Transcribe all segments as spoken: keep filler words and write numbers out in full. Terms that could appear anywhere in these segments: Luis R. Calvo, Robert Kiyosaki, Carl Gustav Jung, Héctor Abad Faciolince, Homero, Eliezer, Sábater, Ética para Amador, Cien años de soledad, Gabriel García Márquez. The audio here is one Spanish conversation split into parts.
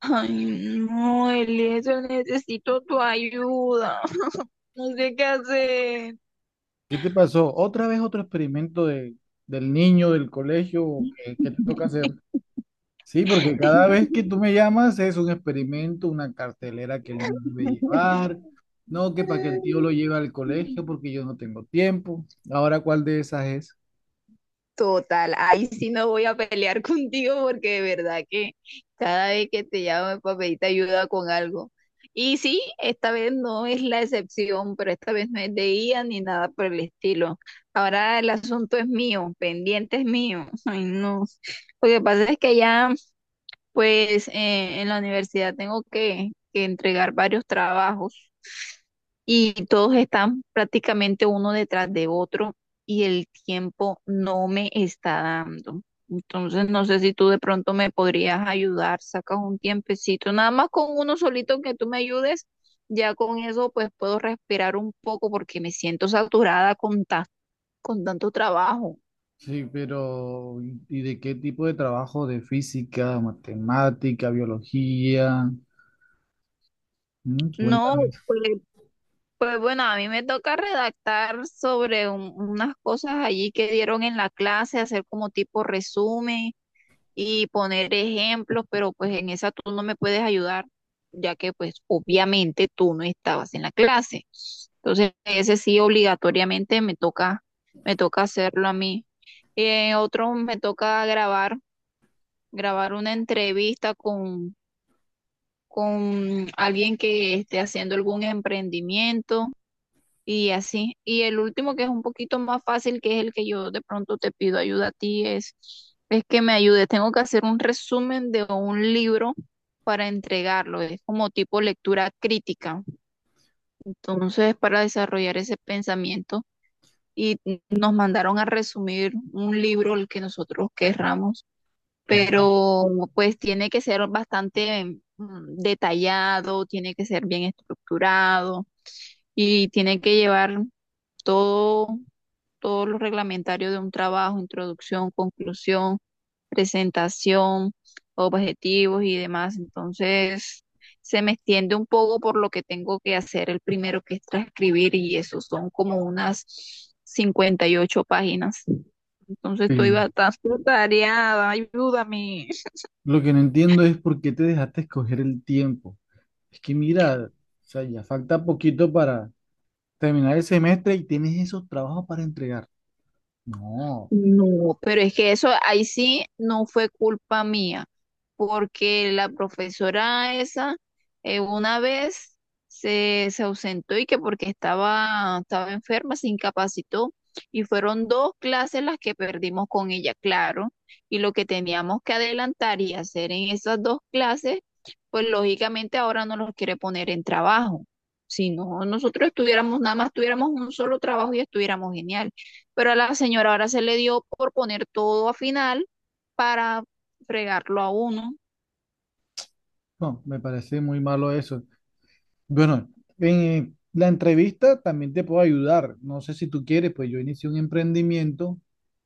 Ay, no, Eliezer, necesito tu ayuda. No sé qué hacer. ¿Qué te pasó? ¿Otra vez otro experimento de, del niño del colegio que, que te toca hacer? Sí, porque cada vez que tú me llamas es un experimento, una cartelera que el niño debe llevar, no que para que el tío lo lleve al colegio porque yo no tengo tiempo. Ahora, ¿cuál de esas es? Total, ahí sí no voy a pelear contigo porque de verdad que cada vez que te llamo es para pedirte ayuda con algo. Y sí, esta vez no es la excepción, pero esta vez no es de I A ni nada por el estilo. Ahora el asunto es mío, pendiente es mío. Ay, no. Lo que pasa es que ya. Pues eh, en la universidad tengo que, que entregar varios trabajos y todos están prácticamente uno detrás de otro y el tiempo no me está dando. Entonces no sé si tú de pronto me podrías ayudar, sacas un tiempecito, nada más con uno solito que tú me ayudes, ya con eso pues puedo respirar un poco porque me siento saturada con, ta- con tanto trabajo. Sí, pero ¿y y de qué tipo de trabajo? ¿De física, matemática, biología? Mm, No, Cuéntame. pues Pues bueno, a mí me toca redactar sobre un- unas cosas allí que dieron en la clase, hacer como tipo resumen y poner ejemplos, pero pues en esa tú no me puedes ayudar, ya que pues obviamente tú no estabas en la clase. Entonces, ese sí obligatoriamente me toca, me toca hacerlo a mí. En otro me toca grabar, grabar una entrevista con, con alguien que esté haciendo algún emprendimiento y así. Y el último, que es un poquito más fácil, que es el que yo de pronto te pido ayuda a ti, es, es que me ayudes. Tengo que hacer un resumen de un libro para entregarlo. Es como tipo lectura crítica. Entonces, para desarrollar ese pensamiento. Y nos mandaron a resumir un libro, el que nosotros querramos, Pues, pero pues tiene que ser bastante mm, detallado, tiene que ser bien estructurado y tiene que llevar todo todo lo reglamentario de un trabajo: introducción, conclusión, presentación, objetivos y demás. Entonces, se me extiende un poco por lo que tengo que hacer el primero, que es transcribir, y eso son como unas cincuenta y ocho páginas. Entonces, estoy eh, bastante atareada, ayúdame. lo que no entiendo es por qué te dejaste escoger el tiempo. Es que mira, o sea, ya falta poquito para terminar el semestre y tienes esos trabajos para entregar. No, No, pero es que eso ahí sí no fue culpa mía, porque la profesora esa eh, una vez se, se ausentó y, que porque estaba, estaba enferma, se incapacitó, y fueron dos clases las que perdimos con ella, claro, y lo que teníamos que adelantar y hacer en esas dos clases, pues lógicamente ahora no los quiere poner en trabajo. Si no, nosotros estuviéramos, nada más tuviéramos un solo trabajo, y estuviéramos genial, pero a la señora ahora se le dio por poner todo a final para fregarlo a uno. no, me parece muy malo eso. Bueno, en eh, la entrevista también te puedo ayudar. No sé si tú quieres, pues yo inicié un emprendimiento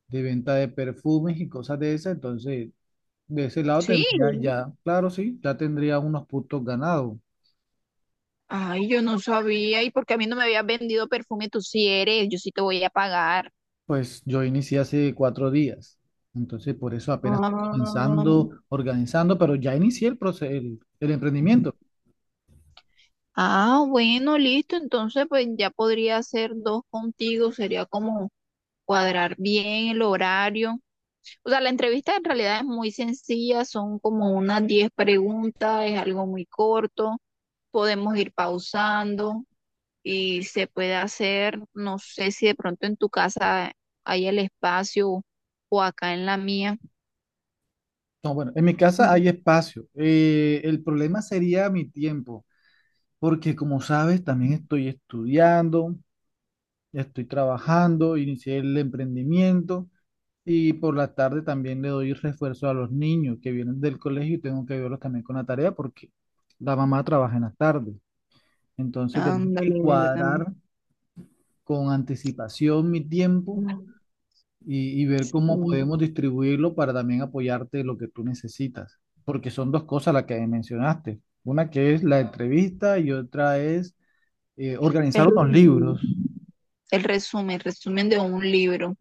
de venta de perfumes y cosas de esas, entonces de ese lado Sí. tendría ya, claro, sí, ya tendría unos puntos ganados. Ay, yo no sabía. ¿Y porque a mí no me habías vendido perfume? Tú sí eres, yo sí te voy a pagar. Pues yo inicié hace cuatro días, entonces por eso apenas estoy Ah, comenzando, organizando, pero ya inicié el proceso, el, el emprendimiento. Ah, bueno, listo. Entonces, pues ya podría hacer dos contigo. Sería como cuadrar bien el horario. O sea, la entrevista en realidad es muy sencilla. Son como unas diez preguntas. Es algo muy corto. Podemos ir pausando, y se puede hacer, no sé si de pronto en tu casa hay el espacio, o acá en la mía. No, bueno, en mi casa hay espacio. Eh, el problema sería mi tiempo, porque como sabes, también estoy estudiando, estoy trabajando, inicié el emprendimiento y por la tarde también le doy refuerzo a los niños que vienen del colegio y tengo que ayudarlos también con la tarea porque la mamá trabaja en las tardes. Entonces tengo que Ándale, ¿verdad? cuadrar con anticipación mi tiempo y, y ver cómo Mm, podemos distribuirlo para también apoyarte en lo que tú necesitas. Porque son dos cosas las que mencionaste. Una que es la entrevista y otra es eh, El organizar unos resumen. libros. el resumen, el resumen de un libro.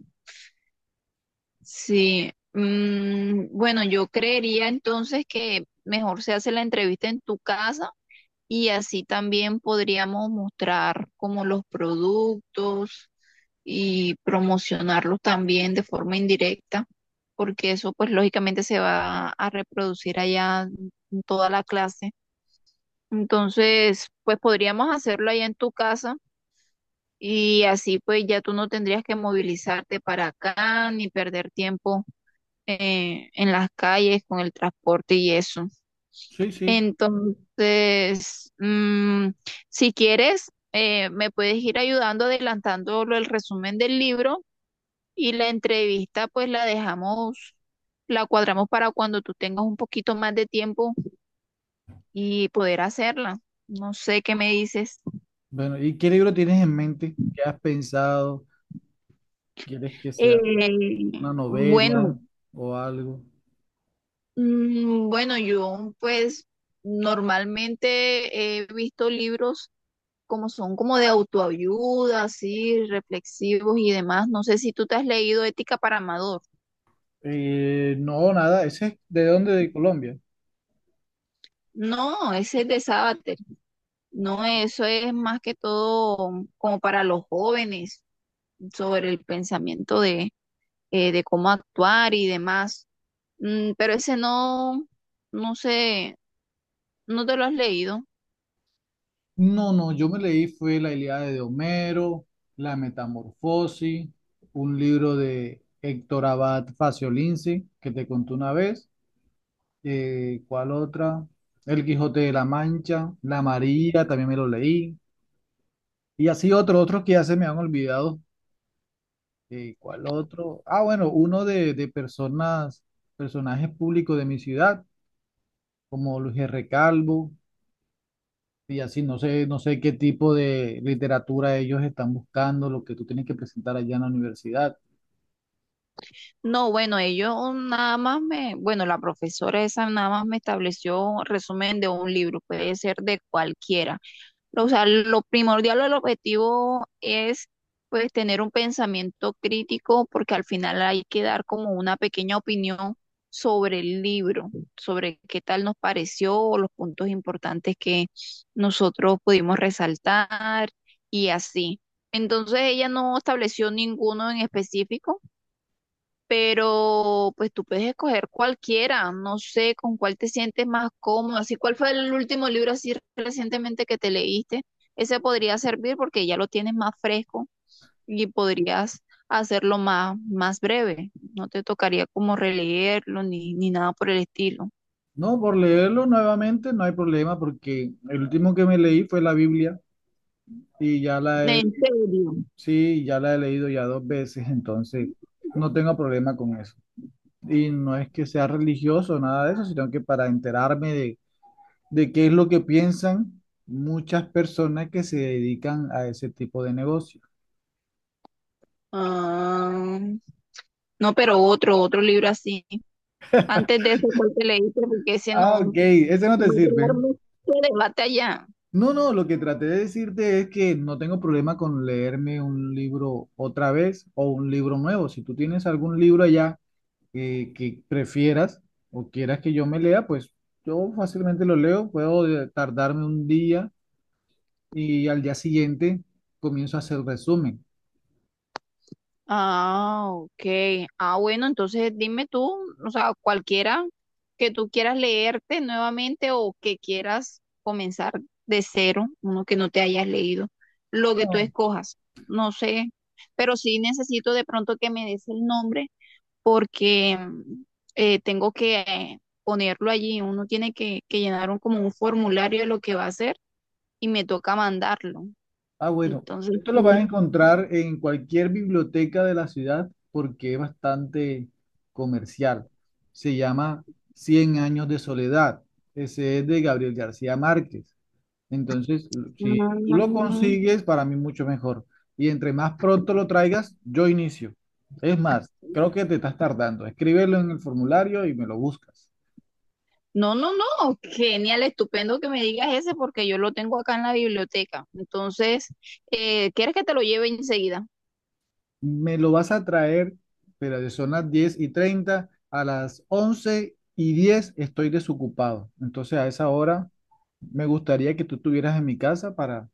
Sí, mm, bueno, yo creería entonces que mejor se hace la entrevista en tu casa. Y así también podríamos mostrar como los productos y promocionarlos también de forma indirecta, porque eso pues lógicamente se va a reproducir allá en toda la clase. Entonces, pues podríamos hacerlo allá en tu casa, y así pues ya tú no tendrías que movilizarte para acá ni perder tiempo eh, en las calles con el transporte y eso. Sí, sí. Entonces, mm, si quieres, eh, me puedes ir ayudando, adelantando lo- el resumen del libro, y la entrevista, pues la dejamos, la cuadramos para cuando tú tengas un poquito más de tiempo y poder hacerla. No sé qué me dices. Bueno, ¿y qué libro tienes en mente? ¿Qué has pensado? ¿Quieres que sea Eh, una bueno, novela o algo? mm, bueno, yo pues normalmente he visto libros como son como de autoayuda, así, reflexivos y demás. No sé si tú te has leído Ética para Amador. Eh, no, nada. ¿Ese es de dónde? ¿De Colombia? No, ese es de Sábater. No, eso es más que todo como para los jóvenes, sobre el pensamiento de, eh, de cómo actuar y demás. Mm, pero ese no, no sé, no te lo has leído. No, no, yo me leí fue la Ilíada de Homero, la Metamorfosis, un libro de Héctor Abad Faciolince, que te conté una vez, eh, ¿cuál otra? El Quijote de la Mancha, La María, también me lo leí, y así otros, otros que ya se me han olvidado, eh, ¿cuál otro? Ah, bueno, uno de, de personas, personajes públicos de mi ciudad, como Luis R. Calvo. Y así no sé, no sé qué tipo de literatura ellos están buscando, lo que tú tienes que presentar allá en la universidad. No, bueno, ellos nada más me, bueno, la profesora esa nada más me estableció resumen de un libro, puede ser de cualquiera. O sea, lo primordial, o el objetivo, es pues tener un pensamiento crítico, porque al final hay que dar como una pequeña opinión sobre el libro, sobre qué tal nos pareció o los puntos importantes que nosotros pudimos resaltar y así. Entonces, ella no estableció ninguno en específico, pero pues tú puedes escoger cualquiera, no sé con cuál te sientes más cómodo, así cuál fue el último libro así recientemente que te leíste, ese podría servir porque ya lo tienes más fresco y podrías hacerlo más, más breve, no te tocaría como releerlo ni, ni nada por el estilo. No, por leerlo nuevamente no hay problema porque el último que me leí fue la Biblia y ya la he, ¿En serio? sí, ya la he leído ya dos veces, entonces no tengo problema con eso. Y no es que sea religioso, nada de eso, sino que para enterarme de, de qué es lo que piensan muchas personas que se dedican a ese tipo de negocio. Ah, no, pero otro, otro libro así. Antes de ese, ¿cuál te leíste? Porque ese Ah, no, ok, ese no te va a crear sirve. mucho debate allá. No, no, lo que traté de decirte es que no tengo problema con leerme un libro otra vez o un libro nuevo. Si tú tienes algún libro allá, eh, que prefieras o quieras que yo me lea, pues yo fácilmente lo leo, puedo de- tardarme un día y al día siguiente comienzo a hacer resumen. Ah, ok. Ah, bueno, entonces dime tú, o sea, cualquiera que tú quieras leerte nuevamente, o que quieras comenzar de cero, uno que no te hayas leído, lo que tú escojas, no sé, pero sí necesito de pronto que me des el nombre porque mm, eh, tengo que eh, ponerlo allí, uno tiene que, que llenar un, como un formulario de lo que va a hacer, y me toca mandarlo. Ah, bueno, Entonces, esto lo vas a sí. encontrar en cualquier biblioteca de la ciudad porque es bastante comercial. Se llama Cien años de soledad. Ese es de Gabriel García Márquez. Entonces, si tú lo Mm, consigues, para mí mucho mejor. Y entre más pronto lo traigas, yo inicio. Es más, creo que te estás tardando. Escríbelo en el formulario y me lo buscas. No, no, no, genial, estupendo que me digas ese, porque yo lo tengo acá en la biblioteca. Entonces, eh, ¿quieres que te lo lleve enseguida? Me lo vas a traer, pero son las diez y treinta; a las once y diez estoy desocupado. Entonces a esa hora me gustaría que tú estuvieras en mi casa para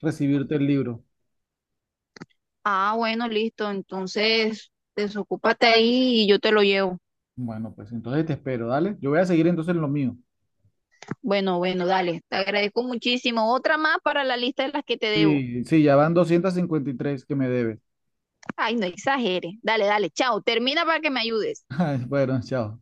recibirte el libro. Ah, bueno, listo. Entonces, desocúpate ahí y yo te lo llevo. Bueno, pues entonces te espero, dale. Yo voy a seguir entonces en lo mío. Bueno, bueno, dale. Te agradezco muchísimo. Otra más para la lista de las que te debo. Sí, sí, ya van doscientos cincuenta y tres que me debes. Ay, no exageres. Dale, dale, chao. Termina para que me ayudes. Bueno, chao.